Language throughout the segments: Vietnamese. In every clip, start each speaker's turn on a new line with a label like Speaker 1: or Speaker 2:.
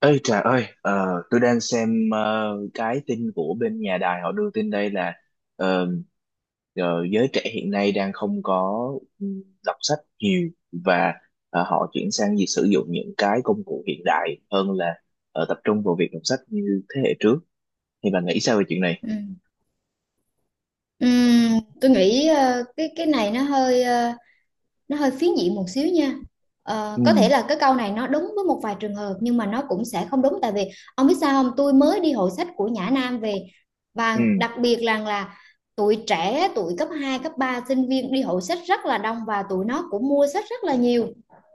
Speaker 1: Ê Trà ơi, tôi đang xem cái tin của bên nhà đài họ đưa tin đây là ờ, giới trẻ hiện nay đang không có đọc sách nhiều và họ chuyển sang việc sử dụng những cái công cụ hiện đại hơn là tập trung vào việc đọc sách như thế hệ trước. Thì bạn nghĩ sao về chuyện này?
Speaker 2: Ừ. Tôi nghĩ cái này nó hơi phiến diện một xíu nha.
Speaker 1: Ừ,
Speaker 2: Có thể là cái câu này nó đúng với một vài trường hợp, nhưng mà nó cũng sẽ không đúng. Tại vì ông biết sao không, tôi mới đi hội sách của Nhã Nam về,
Speaker 1: ừ,
Speaker 2: và đặc biệt là tụi trẻ, tụi cấp 2 cấp ba, sinh viên đi hội sách rất là đông, và tụi nó cũng mua sách rất là nhiều.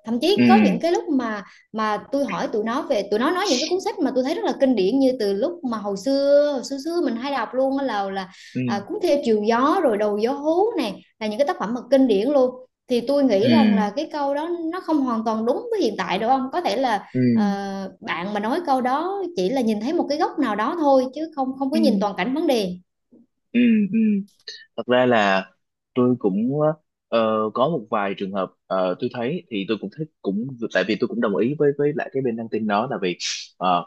Speaker 2: Thậm
Speaker 1: ừ,
Speaker 2: chí có những cái lúc mà tôi hỏi tụi nó về, tụi nó nói những cái cuốn sách mà tôi thấy rất là kinh điển, như từ lúc mà hồi xưa xưa mình hay đọc luôn á, là là
Speaker 1: ừ,
Speaker 2: à, Cuốn Theo Chiều Gió rồi Đầu Gió Hú này là những cái tác phẩm mà kinh điển luôn. Thì tôi
Speaker 1: ừ,
Speaker 2: nghĩ rằng là cái câu đó nó không hoàn toàn đúng với hiện tại, đúng không? Có thể là
Speaker 1: ừ,
Speaker 2: bạn mà nói câu đó chỉ là nhìn thấy một cái góc nào đó thôi, chứ không không có
Speaker 1: ừ,
Speaker 2: nhìn toàn cảnh vấn đề.
Speaker 1: ừ, ừ. Thật ra là tôi cũng có một vài trường hợp, tôi thấy thì tôi cũng thích, cũng tại vì tôi cũng đồng ý với với cái bên đăng tin đó, là vì ờ,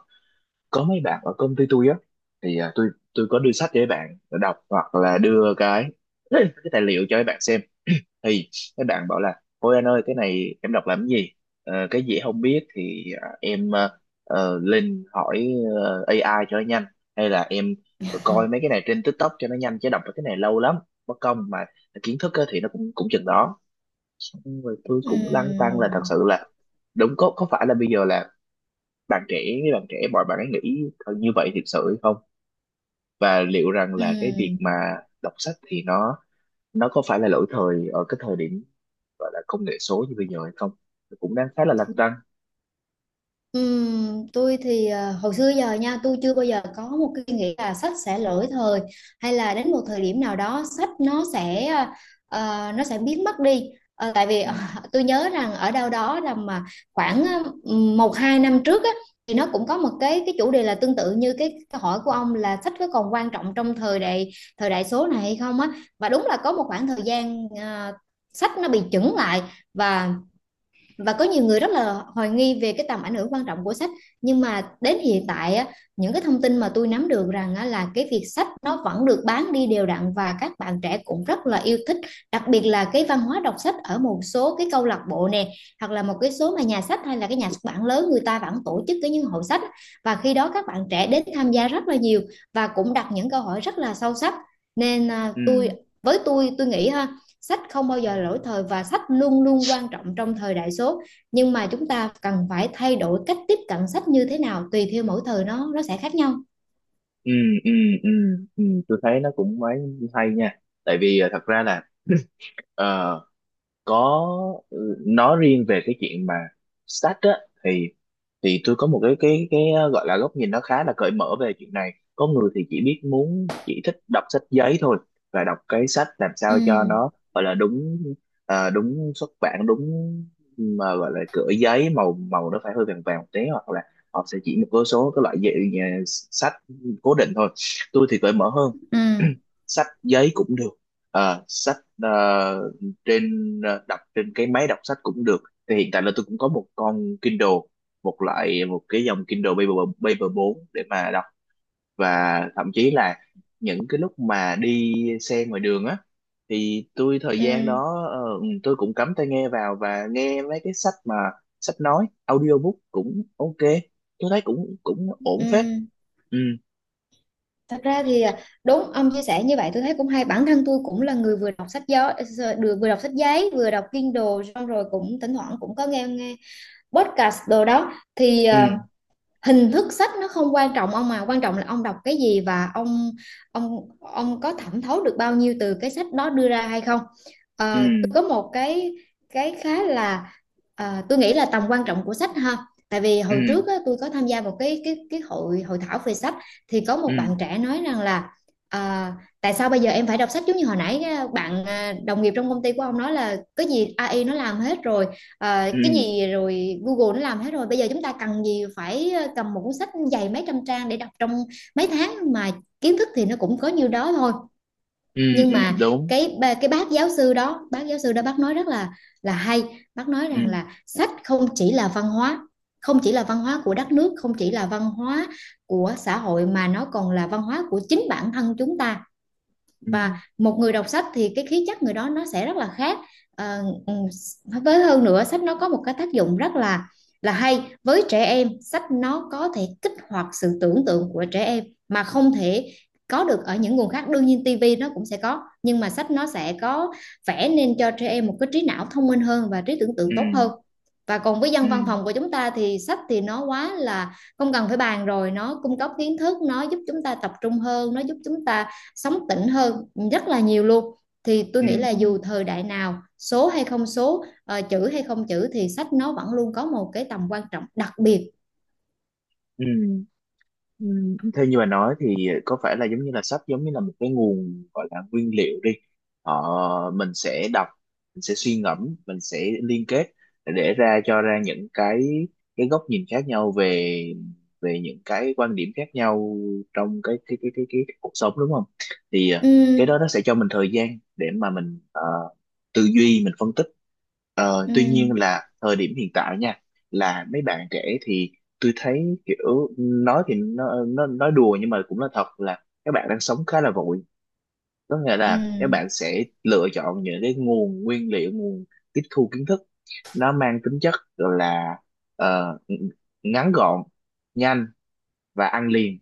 Speaker 1: có mấy bạn ở công ty tôi á, tôi có đưa sách cho mấy bạn đọc, hoặc là đưa cái cái tài liệu cho mấy bạn xem. Thì các bạn bảo là: ôi anh ơi cái này em đọc làm cái gì? Cái gì em không biết thì em lên hỏi AI cho nó nhanh, hay là em coi mấy cái này trên TikTok cho nó nhanh, chứ đọc mấy cái này lâu lắm, mất công mà kiến thức á, thì nó cũng cũng chừng đó. Xong rồi tôi cũng lăn tăn là thật
Speaker 2: Ừm,
Speaker 1: sự là đúng có phải là bây giờ là bạn trẻ với bạn trẻ mọi bạn ấy nghĩ như vậy thực sự hay không, và liệu rằng là cái việc mà
Speaker 2: ừm.
Speaker 1: đọc sách thì nó có phải là lỗi thời ở cái thời điểm gọi là công nghệ số như bây giờ hay không. Nó cũng đang khá là lăn tăn.
Speaker 2: Tôi thì hồi xưa giờ nha, tôi chưa bao giờ có một cái nghĩ là sách sẽ lỗi thời, hay là đến một thời điểm nào đó sách nó sẽ biến mất đi. Tại vì
Speaker 1: Ừ,
Speaker 2: tôi nhớ rằng ở đâu đó là mà khoảng 1-2 năm trước á, thì nó cũng có một cái chủ đề là tương tự như cái câu hỏi của ông, là sách có còn quan trọng trong thời đại số này hay không á. Và đúng là có một khoảng thời gian sách nó bị chững lại, và và có nhiều người rất là hoài nghi về cái tầm ảnh hưởng quan trọng của sách. Nhưng mà đến hiện tại á, những cái thông tin mà tôi nắm được rằng á, là cái việc sách nó vẫn được bán đi đều đặn, và các bạn trẻ cũng rất là yêu thích. Đặc biệt là cái văn hóa đọc sách ở một số cái câu lạc bộ nè, hoặc là một cái số mà nhà sách hay là cái nhà xuất bản lớn, người ta vẫn tổ chức cái những hội sách, và khi đó các bạn trẻ đến tham gia rất là nhiều, và cũng đặt những câu hỏi rất là sâu sắc. nên à,
Speaker 1: ừ,
Speaker 2: tôi với tôi nghĩ ha, sách không bao giờ lỗi thời và sách luôn luôn quan trọng trong thời đại số, nhưng mà chúng ta cần phải thay đổi cách tiếp cận sách như thế nào, tùy theo mỗi thời nó sẽ khác nhau.
Speaker 1: ừ, ừ, ừ, ừ. Tôi thấy nó cũng hay nha, tại vì thật ra là ờ, có nói riêng về cái chuyện mà sách á thì tôi có một cái gọi là góc nhìn nó khá là cởi mở về chuyện này. Có người thì chỉ biết muốn chỉ thích đọc sách giấy thôi, và đọc cái sách làm
Speaker 2: Ừ.
Speaker 1: sao cho nó gọi là đúng, đúng xuất bản đúng, mà gọi là cửa giấy màu màu nó phải hơi vàng vàng một tí, hoặc là họ sẽ chỉ một số cái loại dạy, sách cố định thôi. Tôi thì cởi mở hơn,
Speaker 2: Ừ.
Speaker 1: sách giấy cũng được. Ờ, sách ờ, trên ờ, Đọc trên cái máy đọc sách cũng được. Thì hiện tại là tôi cũng có một con Kindle, một loại một cái dòng Kindle Paper Paper 4 để mà đọc. Và thậm chí là những cái lúc mà đi xe ngoài đường á, thì tôi thời gian
Speaker 2: Ừ.
Speaker 1: đó tôi cũng cắm tai nghe vào và nghe mấy cái sách mà sách nói audiobook cũng ok, tôi thấy cũng cũng ổn
Speaker 2: Ừ.
Speaker 1: phết. Ừ,
Speaker 2: Thật ra thì đúng, ông chia sẻ như vậy tôi thấy cũng hay. Bản thân tôi cũng là người vừa đọc sách gió, vừa vừa đọc sách giấy, vừa đọc Kindle, xong rồi cũng thỉnh thoảng cũng có nghe nghe podcast đồ đó. Thì
Speaker 1: ừ,
Speaker 2: hình thức sách nó không quan trọng ông, mà quan trọng là ông đọc cái gì và ông có thẩm thấu được bao nhiêu từ cái sách đó đưa ra hay không.
Speaker 1: ừ,
Speaker 2: Tôi có một cái khá là, tôi nghĩ là tầm quan trọng của sách ha. Tại vì hồi
Speaker 1: ừ,
Speaker 2: trước á, tôi có tham gia một cái hội hội thảo về sách, thì có một
Speaker 1: ừ,
Speaker 2: bạn trẻ nói rằng là à, tại sao bây giờ em phải đọc sách, giống như hồi nãy bạn, đồng nghiệp trong công ty của ông nói, là cái gì AI nó làm hết rồi. Cái
Speaker 1: ừ,
Speaker 2: gì rồi Google nó làm hết rồi, bây giờ chúng ta cần gì phải cầm một cuốn sách dày mấy trăm trang để đọc trong mấy tháng mà kiến thức thì nó cũng có nhiêu đó thôi.
Speaker 1: ừ,
Speaker 2: Nhưng
Speaker 1: ừ
Speaker 2: mà
Speaker 1: đúng,
Speaker 2: cái bác giáo sư đó, bác nói rất là hay. Bác nói
Speaker 1: ừ,
Speaker 2: rằng là sách không chỉ là văn hóa, không chỉ là văn hóa của đất nước, không chỉ là văn hóa của xã hội, mà nó còn là văn hóa của chính bản thân chúng ta.
Speaker 1: ừ,
Speaker 2: Và một người đọc sách thì cái khí chất người đó nó sẽ rất là khác. Ờ, ừ, với hơn nữa, sách nó có một cái tác dụng rất là hay với trẻ em. Sách nó có thể kích hoạt sự tưởng tượng của trẻ em mà không thể có được ở những nguồn khác. Đương nhiên tivi nó cũng sẽ có, nhưng mà sách nó sẽ có, vẽ nên cho trẻ em một cái trí não thông minh hơn và trí tưởng
Speaker 1: ừ,
Speaker 2: tượng tốt hơn. Và còn với dân văn
Speaker 1: ừ,
Speaker 2: phòng của chúng ta thì sách thì nó quá là không cần phải bàn rồi, nó cung cấp kiến thức, nó giúp chúng ta tập trung hơn, nó giúp chúng ta sống tỉnh hơn, rất là nhiều luôn. Thì tôi
Speaker 1: ừ,
Speaker 2: nghĩ là
Speaker 1: ừ,
Speaker 2: dù thời đại nào, số hay không số, chữ hay không chữ, thì sách nó vẫn luôn có một cái tầm quan trọng đặc biệt.
Speaker 1: ừ. Ừ, theo như bà nói thì có phải là giống như là sách giống như là một cái nguồn gọi là nguyên liệu đi, ờ, mình sẽ đọc, mình sẽ suy ngẫm, mình sẽ liên kết để ra, cho ra những cái góc nhìn khác nhau về về những cái quan điểm khác nhau trong cái cuộc sống, đúng không? Thì cái đó
Speaker 2: Ừ.
Speaker 1: nó sẽ cho mình thời gian để mà mình tư duy, mình phân tích. Ờ,
Speaker 2: Ừ.
Speaker 1: tuy nhiên là thời điểm hiện tại nha, là mấy bạn trẻ thì tôi thấy kiểu, nói thì nó nói đùa nhưng mà cũng là thật, là các bạn đang sống khá là vội. Có nghĩa là các
Speaker 2: Ừ.
Speaker 1: bạn sẽ lựa chọn những cái nguồn nguyên liệu, nguồn tiếp thu kiến thức nó mang tính chất là ờ, ngắn gọn, nhanh và ăn liền,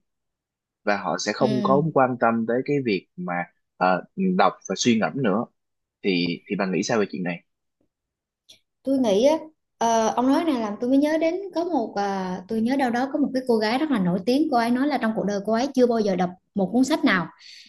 Speaker 1: và họ sẽ không có
Speaker 2: Ừ.
Speaker 1: quan tâm tới cái việc mà ờ, đọc và suy ngẫm nữa. Thì bạn nghĩ sao về chuyện này?
Speaker 2: Tôi nghĩ á, ông nói này làm tôi mới nhớ đến . Tôi nhớ đâu đó có một cái cô gái rất là nổi tiếng, cô ấy nói là trong cuộc đời cô ấy chưa bao giờ đọc một cuốn sách nào,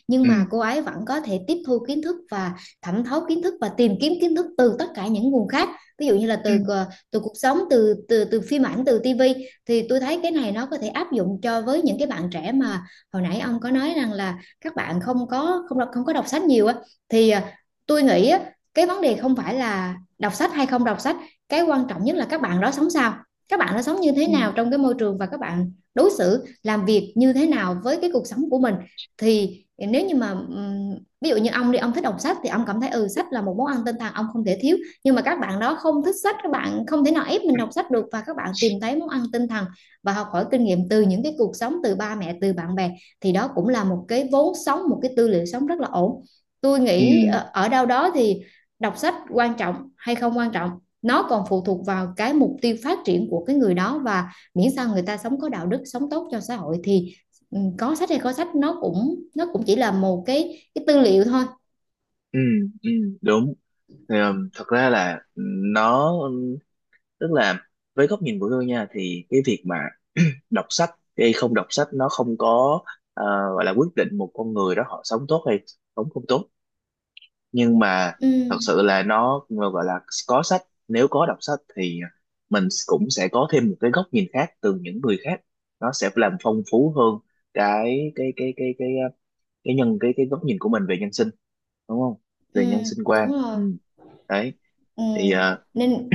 Speaker 2: nhưng
Speaker 1: Ừ,
Speaker 2: mà cô ấy vẫn có thể tiếp thu kiến thức và thẩm thấu kiến thức và tìm kiếm kiến thức từ tất cả những nguồn khác. Ví dụ như là
Speaker 1: ừ,
Speaker 2: từ từ cuộc sống, từ từ từ phim ảnh, từ tivi. Thì tôi thấy cái này nó có thể áp dụng cho với những cái bạn trẻ mà hồi nãy ông có nói rằng là các bạn không có đọc sách nhiều á. Thì tôi nghĩ á, cái vấn đề không phải là đọc sách hay không đọc sách, cái quan trọng nhất là các bạn đó sống sao, các bạn đó sống như thế
Speaker 1: ừ,
Speaker 2: nào trong cái môi trường và các bạn đối xử làm việc như thế nào với cái cuộc sống của mình. Thì nếu như mà ví dụ như ông đi, ông thích đọc sách thì ông cảm thấy ừ, sách là một món ăn tinh thần ông không thể thiếu, nhưng mà các bạn đó không thích sách, các bạn không thể nào ép mình đọc sách được, và các bạn tìm thấy món ăn tinh thần và học hỏi kinh nghiệm từ những cái cuộc sống, từ ba mẹ, từ bạn bè, thì đó cũng là một cái vốn sống, một cái tư liệu sống rất là ổn. Tôi nghĩ
Speaker 1: ừ,
Speaker 2: ở đâu đó thì đọc sách quan trọng hay không quan trọng, nó còn phụ thuộc vào cái mục tiêu phát triển của cái người đó. Và miễn sao người ta sống có đạo đức, sống tốt cho xã hội, thì ừ, có sách hay có sách nó cũng chỉ là một cái tư liệu thôi.
Speaker 1: ừ, ừ, đúng. Thì, thật ra là nó tức là với góc nhìn của tôi nha, thì cái việc mà đọc sách hay không đọc sách nó không có ờ, gọi là quyết định một con người đó họ sống tốt hay sống không tốt. Nhưng mà
Speaker 2: Ừ.
Speaker 1: thật sự là nó gọi là có sách, nếu có đọc sách thì mình cũng sẽ có thêm một cái góc nhìn khác từ những người khác, nó sẽ làm phong phú hơn cái cái cái cái cái cái, cái nhân cái góc nhìn của mình về nhân sinh, đúng không,
Speaker 2: Ừ.
Speaker 1: về nhân sinh quan.
Speaker 2: Đúng rồi.
Speaker 1: Ừ. Đấy,
Speaker 2: Ừ.
Speaker 1: thì
Speaker 2: Nên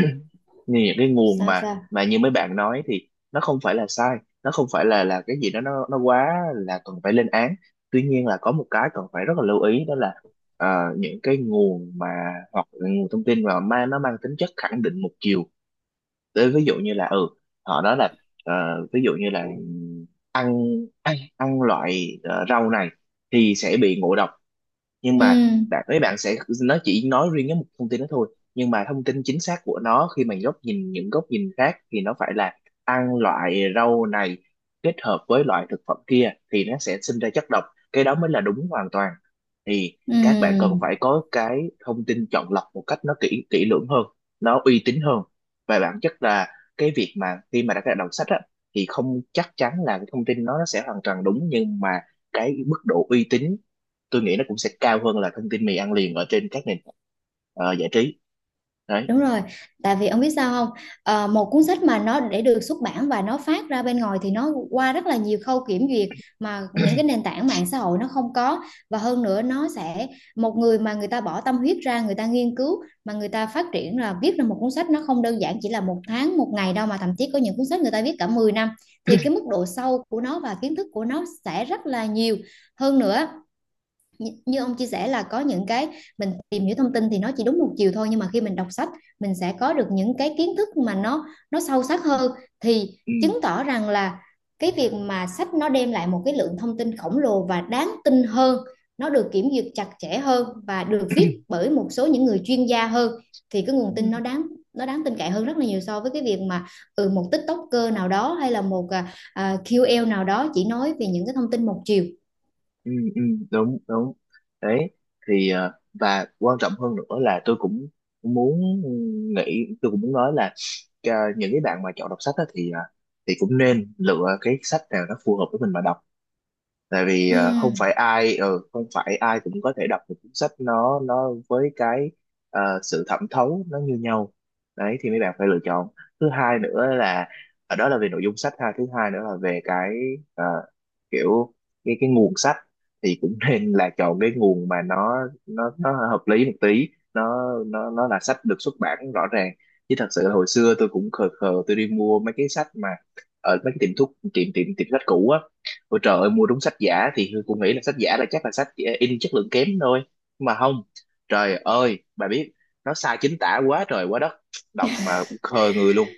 Speaker 1: như những cái nguồn
Speaker 2: sao sao?
Speaker 1: mà như mấy bạn nói thì nó không phải là sai, nó không phải là cái gì đó nó quá là cần phải lên án. Tuy nhiên là có một cái cần phải rất là lưu ý đó là ờ, những cái nguồn mà hoặc là nguồn thông tin mà ma nó mang tính chất khẳng định một chiều. Đấy, ví dụ như là ừ họ nói là ờ, ví dụ như là ăn ăn, ăn loại rau này thì sẽ bị ngộ độc, nhưng
Speaker 2: Ừ.
Speaker 1: mà mấy bạn sẽ, nó chỉ nói riêng cái một thông tin đó thôi, nhưng mà thông tin chính xác của nó khi mà góc nhìn những góc nhìn khác thì nó phải là ăn loại rau này kết hợp với loại thực phẩm kia thì nó sẽ sinh ra chất độc, cái đó mới là đúng hoàn toàn. Thì
Speaker 2: Ừ.
Speaker 1: các bạn cần phải có cái thông tin chọn lọc một cách nó kỹ kỹ lưỡng hơn, nó uy tín hơn. Và bản chất là cái việc mà khi mà đã đọc sách á, thì không chắc chắn là cái thông tin nó sẽ hoàn toàn đúng, nhưng mà cái mức độ uy tín tôi nghĩ nó cũng sẽ cao hơn là thông tin mì ăn liền ở trên các nền giải trí. Đấy.
Speaker 2: Đúng rồi, tại vì ông biết sao không? Một cuốn sách mà nó để được xuất bản và nó phát ra bên ngoài thì nó qua rất là nhiều khâu kiểm duyệt, mà những cái nền tảng mạng xã hội nó không có. Và hơn nữa nó sẽ, một người mà người ta bỏ tâm huyết ra, người ta nghiên cứu mà người ta phát triển là viết ra một cuốn sách, nó không đơn giản chỉ là một tháng, một ngày đâu, mà thậm chí có những cuốn sách người ta viết cả 10 năm, thì cái mức độ sâu của nó và kiến thức của nó sẽ rất là nhiều. Hơn nữa như ông chia sẻ, là có những cái mình tìm hiểu thông tin thì nó chỉ đúng một chiều thôi, nhưng mà khi mình đọc sách mình sẽ có được những cái kiến thức mà nó sâu sắc hơn, thì
Speaker 1: Ừ,
Speaker 2: chứng tỏ rằng là cái việc mà sách nó đem lại một cái lượng thông tin khổng lồ và đáng tin hơn, nó được kiểm duyệt chặt chẽ hơn và được viết bởi một số những người chuyên gia hơn, thì cái nguồn tin
Speaker 1: ừ,
Speaker 2: nó đáng tin cậy hơn rất là nhiều so với cái việc mà ừ, một TikToker nào đó hay là một KOL nào đó chỉ nói về những cái thông tin một chiều.
Speaker 1: ừ, ừ, đúng đúng. Đấy, thì và quan trọng hơn nữa là tôi cũng muốn nghĩ, tôi cũng muốn nói là những cái bạn mà chọn đọc sách á thì thì cũng nên lựa cái sách nào nó phù hợp với mình mà đọc. Tại vì
Speaker 2: Ừm
Speaker 1: không phải ai cũng có thể đọc một cuốn sách nó với cái sự thẩm thấu nó như nhau. Đấy thì mấy bạn phải lựa chọn. Thứ hai nữa là ở đó là về nội dung sách ha, thứ hai nữa là về cái ờ, kiểu cái nguồn sách thì cũng nên là chọn cái nguồn mà nó hợp lý một tí, nó là sách được xuất bản rõ ràng. Chứ thật sự là hồi xưa tôi cũng khờ khờ, tôi đi mua mấy cái sách mà ở mấy cái tiệm thuốc, tiệm tiệm tiệm sách cũ á. Ôi trời ơi mua đúng sách giả, thì Hương cũng nghĩ là sách giả là chắc là sách in chất lượng kém thôi, nhưng mà không, trời ơi bà biết, nó sai chính tả quá trời quá đất, đọc mà khờ người luôn.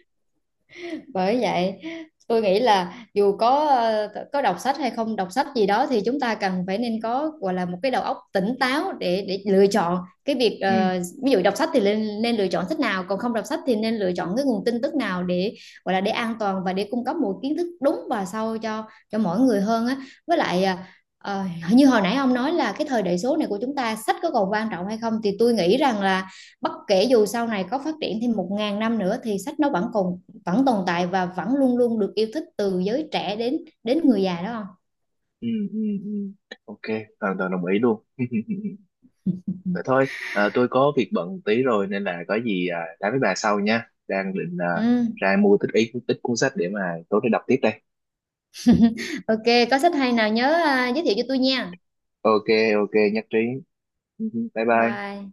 Speaker 2: Bởi vậy tôi nghĩ là dù có có đọc sách hay không đọc sách gì đó, thì chúng ta cần phải nên có, gọi là một cái đầu óc tỉnh táo, để lựa chọn cái việc,
Speaker 1: Ừ,
Speaker 2: ví dụ đọc sách thì nên nên lựa chọn sách nào, còn không đọc sách thì nên lựa chọn cái nguồn tin tức nào để, gọi là để an toàn và để cung cấp một kiến thức đúng và sâu cho mỗi người hơn á. Với lại ờ, như hồi nãy ông nói là cái thời đại số này của chúng ta sách có còn quan trọng hay không, thì tôi nghĩ rằng là bất kể dù sau này có phát triển thêm 1.000 năm nữa thì sách nó vẫn còn, vẫn tồn tại và vẫn luôn luôn được yêu thích từ giới trẻ đến đến người già đó.
Speaker 1: ừ, ừ, ừ, ok, hoàn toàn đồng ý luôn. Vậy
Speaker 2: Không?
Speaker 1: thôi, tôi có việc bận tí rồi nên là có gì nói với bà sau nha, đang định
Speaker 2: Ừ,
Speaker 1: ra mua tích ít ít cuốn sách để mà tối nay đọc tiếp đây.
Speaker 2: ok, có sách hay nào nhớ giới thiệu cho tôi nha.
Speaker 1: Ok, ok, nhất trí. Bye
Speaker 2: Bye
Speaker 1: bye.
Speaker 2: bye.